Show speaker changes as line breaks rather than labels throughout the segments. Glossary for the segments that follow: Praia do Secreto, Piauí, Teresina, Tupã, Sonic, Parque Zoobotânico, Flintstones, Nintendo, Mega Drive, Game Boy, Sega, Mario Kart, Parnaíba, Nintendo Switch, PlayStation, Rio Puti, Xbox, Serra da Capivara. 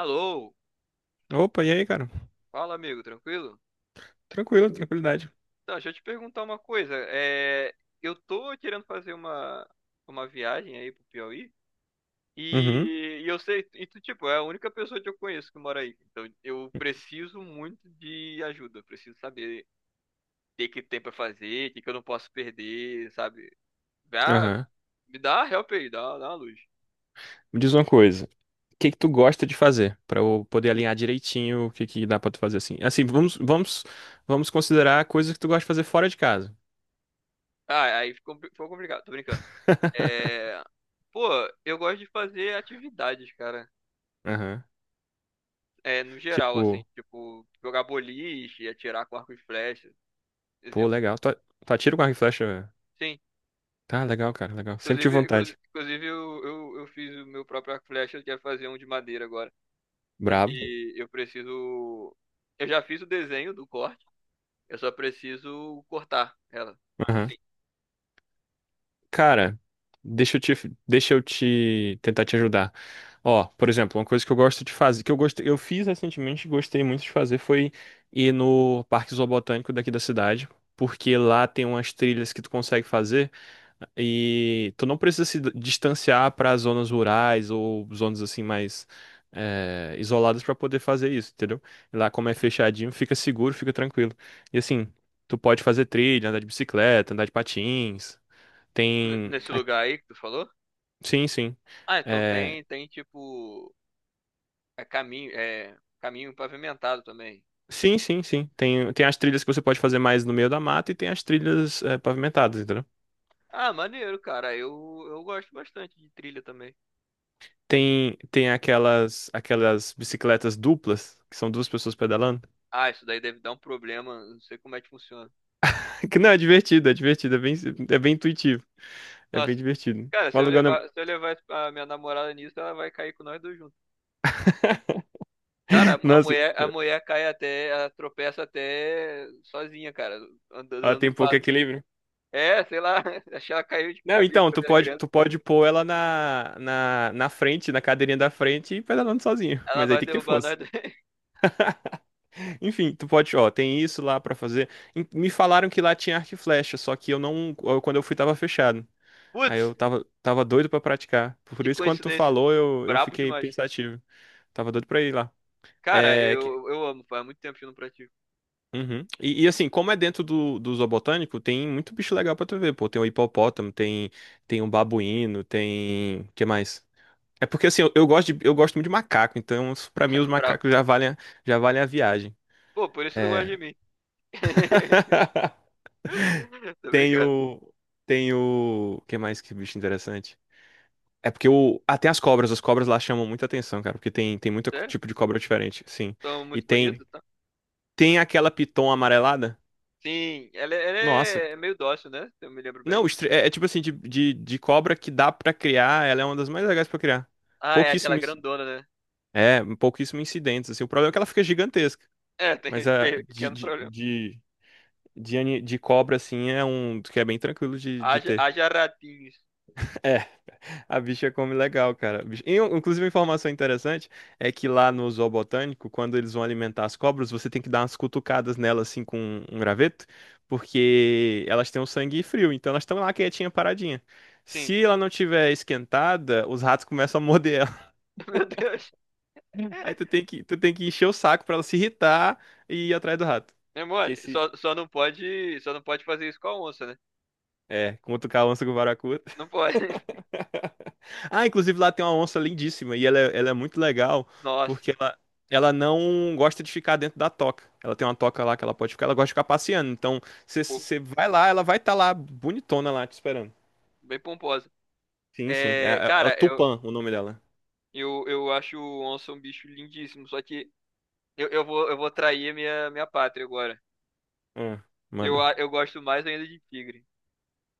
Alô,
Opa, e aí, cara?
fala amigo, tranquilo?
Tranquilo, tranquilidade.
Então, deixa eu te perguntar uma coisa. É, eu tô querendo fazer uma viagem aí pro Piauí
Uhum,
e, e tu, tipo, é a única pessoa que eu conheço que mora aí. Então, eu preciso muito de ajuda, preciso saber o que que tem pra fazer, o que que eu não posso perder, sabe? Dá,
aham.
me dá uma help aí, dá uma luz.
Me diz uma coisa. O que que tu gosta de fazer? Pra eu poder alinhar direitinho o que que dá pra tu fazer assim. Assim, vamos considerar coisas que tu gosta de fazer fora de casa.
Ah, aí ficou complicado, tô brincando. É, pô, eu gosto de fazer atividades, cara.
Aham.
É, no geral, assim,
Tipo,
tipo, jogar boliche, atirar com arco e flecha,
pô,
exemplo.
legal. Tu atira com arco e flecha?
Sim,
Tá, legal, cara, legal. Sempre tive
inclusive, inclu-
vontade.
inclusive eu, eu, eu fiz o meu próprio arco e flecha, eu quero fazer um de madeira agora. Só
Brabo.
que eu preciso. Eu já fiz o desenho do corte, eu só preciso cortar ela. Enfim,
Cara, deixa eu te, deixa eu te tentar te ajudar. Ó, por exemplo, uma coisa que eu gosto de fazer, que eu gostei, eu fiz recentemente, e gostei muito de fazer, foi ir no Parque Zoobotânico daqui da cidade, porque lá tem umas trilhas que tu consegue fazer e tu não precisa se distanciar para zonas rurais ou zonas assim mais isoladas para poder fazer isso, entendeu? Lá como é
uhum.
fechadinho, fica seguro, fica tranquilo. E assim, tu pode fazer trilha, andar de bicicleta, andar de patins. Tem.
Nesse
a-
lugar aí que tu falou?
Sim, sim.
Ah, então
É.
tem, tem tipo, é caminho pavimentado também.
Sim, sim, sim. Tem as trilhas que você pode fazer mais no meio da mata e tem as trilhas pavimentadas, entendeu?
Ah, maneiro, cara, eu gosto bastante de trilha também.
Tem aquelas bicicletas duplas, que são duas pessoas pedalando.
Ah, isso daí deve dar um problema. Não sei como é que funciona.
Que não, é divertido, é divertido, é bem intuitivo. É bem
Nossa,
divertido.
cara,
O
se eu
aluguel não.
levar, se eu levar a minha namorada nisso, ela vai cair com nós dois juntos. Cara, a a
Nossa,
mulher, a mulher cai até, ela tropeça até sozinha, cara, andando
ela
dando um
tem pouco
passo.
equilíbrio.
É, sei lá, acho que ela caiu de
Não,
cabeça
então, tu
quando era
pode,
criança.
tu pode pôr ela na frente, na cadeirinha da frente e pedalando sozinho.
Ela
Mas aí
vai
tem que ter
derrubar
força.
nós dois.
Enfim, tu pode, ó, tem isso lá pra fazer. Me falaram que lá tinha arco e flecha, só que eu não, eu- quando eu fui tava fechado. Aí eu
Putz,
tava doido pra praticar. Por
que
isso, quando tu
coincidência.
falou, eu
Brabo
fiquei
demais.
pensativo. Tava doido pra ir lá.
Cara,
É, que-
eu amo, faz muito tempo que eu não pratico.
uhum. E assim, como é dentro do zoobotânico, tem muito bicho legal pra tu ver, pô. Tem o hipopótamo, tem um babuíno, tem. Que mais? É porque assim, eu eu gosto muito de macaco, então pra mim os
Brabo.
macacos já valem a viagem.
Pô, por isso tu gosta de
É.
mim. Tô
Tem
brincando.
o. Tem o. O que mais que bicho interessante? É porque o. Ah, tem as cobras. As cobras lá chamam muita atenção, cara. Porque tem muito
Sério?
tipo de cobra diferente, sim.
São
E
muito
tem.
bonito?
Tem aquela piton amarelada?
Sim, ela
Nossa.
é meio dócil, né? Se eu me lembro bem.
Não, é tipo assim, de cobra que dá pra criar. Ela é uma das mais legais pra criar.
Ah, é aquela
Pouquíssimo. inci-
grandona, né?
É, pouquíssimo incidentes, assim. O problema é que ela fica gigantesca.
É, tem
Mas
esse
a
pequeno problema.
de, ani- de cobra, assim, é um que é bem tranquilo de
Haja,
ter.
haja ratinhos.
A bicha come legal, cara. Inclusive, uma informação interessante é que lá no zoo botânico, quando eles vão alimentar as cobras, você tem que dar umas cutucadas nelas assim com um graveto, porque elas têm o sangue frio, então elas estão lá quietinha, paradinha.
Sim.
Se ela não tiver esquentada, os ratos começam a morder ela.
Meu Deus.
Aí tu tem que encher o saco pra ela se irritar e ir atrás do rato.
É
Que
mole.
esse
Só não pode fazer isso com a onça, né?
é cutucar a onça com o baracuta.
Não pode.
Ah, inclusive lá tem uma onça lindíssima e ela é muito legal
Nossa,
porque ela não gosta de ficar dentro da toca. Ela tem uma toca lá que ela pode ficar, ela gosta de ficar passeando. Então, você
pô,
você vai lá, ela vai estar lá bonitona lá te esperando.
bem pomposa.
Sim, sim.
É,
É o
cara, eu,
Tupã o nome dela.
eu, eu acho o onça um bicho lindíssimo, só que eu vou trair a minha pátria agora.
Ah,
Eu,
manda.
a- eu gosto mais ainda de tigre.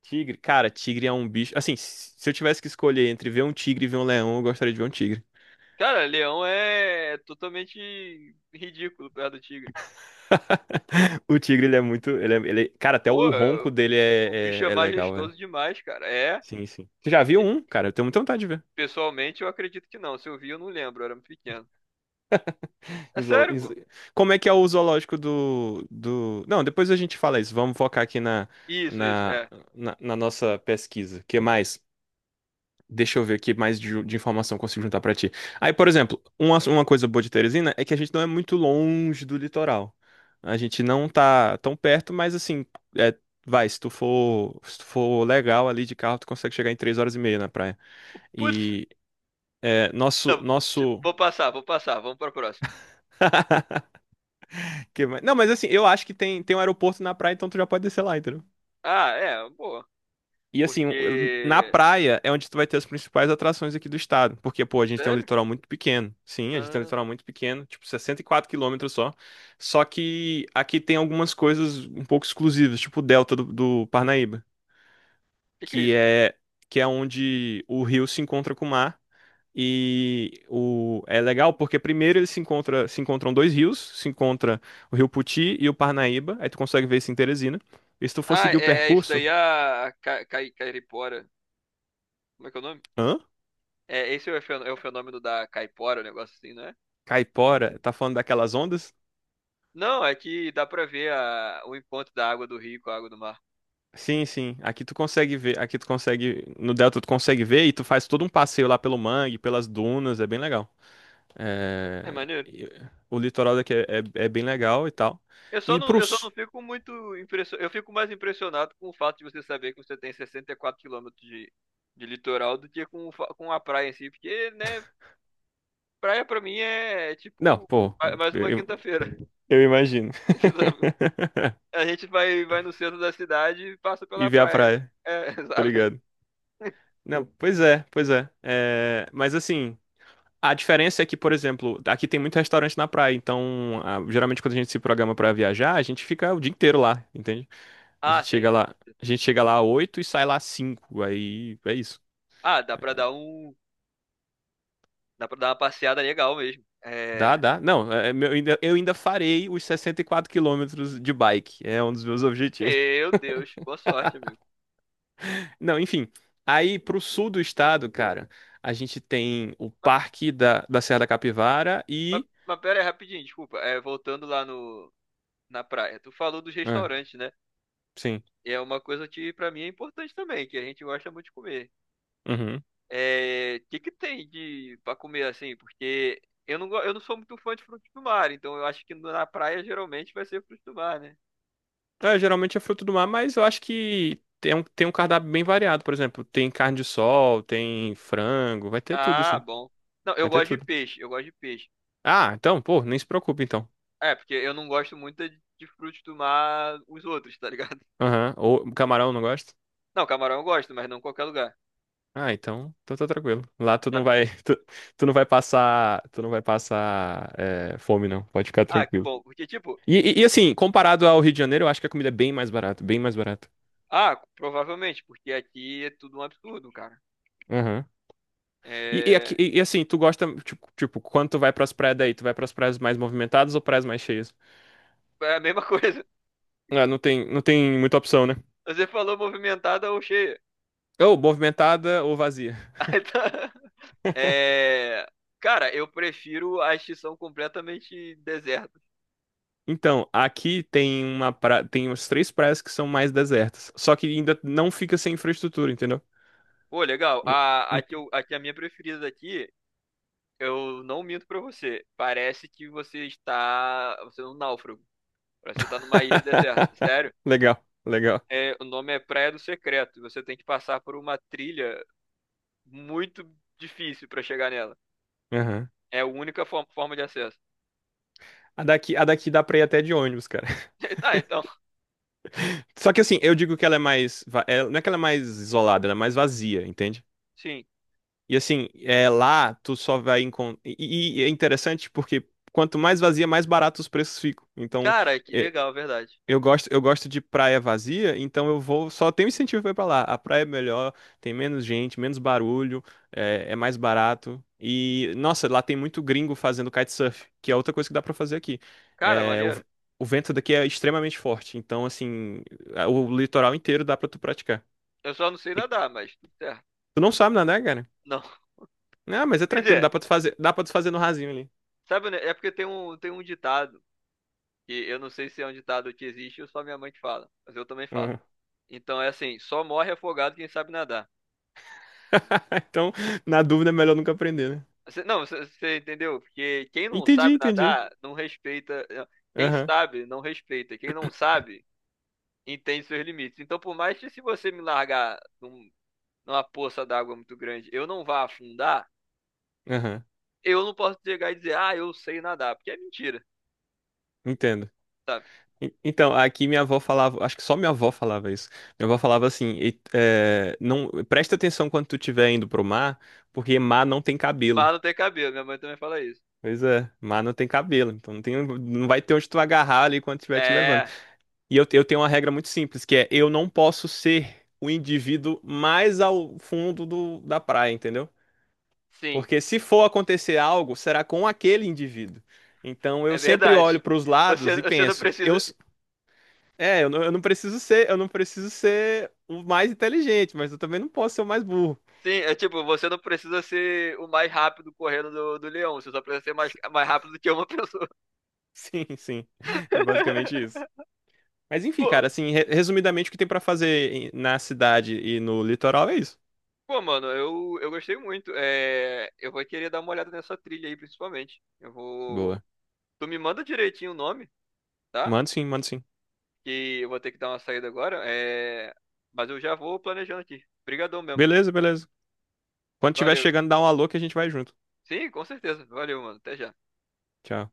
Tigre, cara, tigre é um bicho. Assim, se eu tivesse que escolher entre ver um tigre e ver um leão, eu gostaria de ver um tigre.
Cara, leão é totalmente ridículo perto do tigre.
O tigre, ele é muito. Cara, até
Pô,
o ronco dele
o bicho
é,
é
é, é legal, velho.
majestoso demais, cara. É.
Sim, sim. Você já viu um? Cara, eu tenho muita vontade de ver.
Pessoalmente, eu acredito que não. Se eu vi, eu não lembro. Eu era muito pequeno. É
Em zoolo-
sério,
em zo-
pô?
Como é que é o zoológico do. Não, depois a gente fala isso. Vamos focar aqui
Isso, isso.
na,
É.
na nossa pesquisa. O que mais? Deixa eu ver aqui mais de informação que eu consigo juntar pra ti. Aí, por exemplo, uma coisa boa de Teresina é que a gente não é muito longe do litoral. A gente não tá tão perto, mas assim, é, se tu for legal ali de carro, tu consegue chegar em 3h30 na praia.
Putz.
E é, nosso,
Não, ti-
nosso
vou passar, vou passar. Vamos para a próxima.
Não, mas assim, eu acho que tem um aeroporto na praia, então tu já pode descer lá, entendeu?
Ah, é. Boa.
E assim, na
Porque.
praia é onde tu vai ter as principais atrações aqui do estado. Porque, pô, a gente tem um
Sério?
litoral muito pequeno. Sim, a gente tem um
Ah,
litoral muito pequeno, tipo 64 quilômetros só. Só que aqui tem algumas coisas um pouco exclusivas, tipo o delta do Parnaíba,
que é
que
isso?
é, que é onde o rio se encontra com o mar. É legal porque primeiro eles se encontram dois rios, se encontra o Rio Puti e o Parnaíba, aí tu consegue ver isso em Teresina. E se tu for
Ah,
seguir o
é, é isso
percurso,
daí a caipora. Como é que é o nome?
hã?
É, esse é o é o fenômeno da caipora, um negócio assim, não é?
Caipora, tá falando daquelas ondas?
Não, é que dá pra ver o encontro da água do rio com a água do mar.
Sim, sim. Aqui tu consegue ver, no delta tu consegue ver e tu faz todo um passeio lá pelo mangue, pelas dunas, é bem legal.
É
É,
maneiro.
e- O litoral daqui é bem legal e tal.
Eu só
E
não,
pro...
eu só
s-
não fico muito impressionado. Eu fico mais impressionado com o fato de você saber que você tem 64 quilômetros de litoral do que com, o com a praia em si, porque, né, praia pra mim é
Não,
tipo
pô,
mais uma
eu
quinta-feira.
eu- imagino.
Sabe? A gente vai, vai no centro da cidade e passa
E
pela
ver a
praia.
praia.
É,
Tá
sabe?
ligado. Não, pois é, pois é. É, mas assim, a diferença é que, por exemplo, aqui tem muito restaurante na praia, então geralmente quando a gente se programa pra viajar, a gente fica o dia inteiro lá, entende? A
Ah,
gente
sim.
chega lá, a gente chega lá às 8 e sai lá às 5, aí é isso.
Ah, dá pra dar um. Dá pra dar uma passeada legal mesmo.
Dá,
É.
dá. Não, eu ainda farei os 64 quilômetros de bike, é um dos meus objetivos.
Meu Deus, boa sorte, amigo.
Não, enfim, aí pro sul do estado, cara, a gente tem o
Mas,
Parque da Serra da Capivara
mas,
e.
mas pera aí, rapidinho, desculpa. É, voltando lá no, na praia. Tu falou dos
Ah,
restaurantes, né?
sim.
E é uma coisa que pra mim é importante também, que a gente gosta muito de comer.
Uhum.
É, o que que tem de para comer assim? Porque eu não sou muito fã de frutos do mar, então eu acho que na praia geralmente vai ser frutos do mar, né?
É, geralmente é fruto do mar, mas eu acho que tem um cardápio bem variado, por exemplo. Tem carne de sol, tem frango, vai ter tudo,
Ah,
sim.
bom. Não, eu
Vai ter
gosto de
tudo.
peixe, eu gosto de peixe.
Ah, então, pô, nem se preocupe, então.
É, porque eu não gosto muito de frutos do mar os outros, tá ligado?
Aham. Ou camarão, não gosta?
Não, camarão eu gosto, mas não em qualquer lugar.
Ah, então tá tranquilo. Lá tu não
Sabe?
vai, tu não vai passar fome, não. Pode ficar
Ah, que
tranquilo.
bom, porque tipo,
E, assim, comparado ao Rio de Janeiro, eu acho que a comida é bem mais barata, bem mais barata.
ah, provavelmente, porque aqui é tudo um absurdo, cara.
Aham. E, e, aqui-
É,
e- e assim, tu gosta, tipo, quando tu vai pras praias daí, tu vai pras praias mais movimentadas ou praias mais cheias?
é a mesma coisa.
Ah, não tem muita opção, né?
Você falou movimentada ou cheia.
Ou movimentada ou vazia.
Aí tá. É... Cara, eu prefiro a extinção completamente deserta.
Então, aqui tem tem umas três praias que são mais desertas. Só que ainda não fica sem infraestrutura, entendeu?
Pô, legal.
Hum,
A, a,
hum.
que eu- a que é a minha preferida aqui, eu não minto pra você. Parece que você está. Você é um náufrago. Parece que você tá numa ilha deserta. Sério?
Legal, legal.
É, o nome é Praia do Secreto. E você tem que passar por uma trilha muito difícil pra chegar nela.
Aham.
É a única forma de acesso.
A daqui dá pra ir até de ônibus, cara.
Tá, então.
Só que assim, eu digo que ela é mais. Não é que ela é mais isolada, ela é mais vazia, entende?
Sim.
E assim, lá tu só vai encontrar. E é interessante porque quanto mais vazia, mais barato os preços ficam. Então,
Cara, que
é,
legal, verdade.
eu gosto de praia vazia, então eu vou. Só tenho incentivo pra ir pra lá. A praia é melhor, tem menos gente, menos barulho, é mais barato. E, nossa, lá tem muito gringo fazendo kitesurf, que é outra coisa que dá pra fazer aqui.
Cara,
É, o,
maneiro.
o vento daqui é extremamente forte, então, assim, o litoral inteiro dá pra tu praticar.
Eu só não sei
E
nadar, mas tudo certo.
tu não sabe nadar, cara?
Não.
Ah, mas é
Quer
tranquilo,
dizer,
dá pra tu fazer no rasinho ali.
sabe, né? É porque tem um ditado, que eu não sei se é um ditado que existe ou só minha mãe que fala, mas eu também falo.
Uhum.
Então é assim, só morre afogado quem sabe nadar.
Então, na dúvida, é melhor nunca aprender, né?
Não, você entendeu? Porque quem não
Entendi,
sabe
entendi.
nadar, não respeita. Quem
Aham,
sabe, não respeita. Quem não sabe, entende seus limites. Então, por mais que se você me largar numa poça d'água muito grande, eu não vá afundar,
aham,
eu não posso chegar e dizer, ah, eu sei nadar, porque é mentira.
entendo.
Sabe?
Então, aqui minha avó falava, acho que só minha avó falava isso. Minha avó falava assim, não, presta atenção quando tu estiver indo pro mar, porque mar não tem cabelo.
Mas não tem cabelo, minha mãe também fala isso.
Pois é, mar não tem cabelo, então não tem, não vai ter onde tu agarrar ali quando estiver te levando.
É,
E eu tenho uma regra muito simples, que é eu não posso ser o indivíduo mais ao fundo da praia, entendeu?
sim,
Porque se for acontecer algo, será com aquele indivíduo. Então eu
é
sempre olho
verdade.
para os
Você,
lados e
você não
penso,
precisa.
Eu não preciso ser o mais inteligente, mas eu também não posso ser o mais burro.
Sim, é tipo, você não precisa ser o mais rápido correndo do leão, você só precisa ser mais rápido do que uma pessoa.
Sim, sim. É basicamente isso. Mas enfim,
Pô,
cara, assim, resumidamente o que tem pra fazer na cidade e no litoral é isso.
pô, mano, eu gostei muito. É, eu vou querer dar uma olhada nessa trilha aí, principalmente. Eu vou.
Boa.
Tu me manda direitinho o nome, tá?
Manda sim, manda sim.
Que eu vou ter que dar uma saída agora. É, mas eu já vou planejando aqui. Obrigadão mesmo.
Beleza, beleza. Quando tiver
Valeu.
chegando, dá um alô que a gente vai junto.
Sim, com certeza. Valeu, mano. Até já.
Tchau.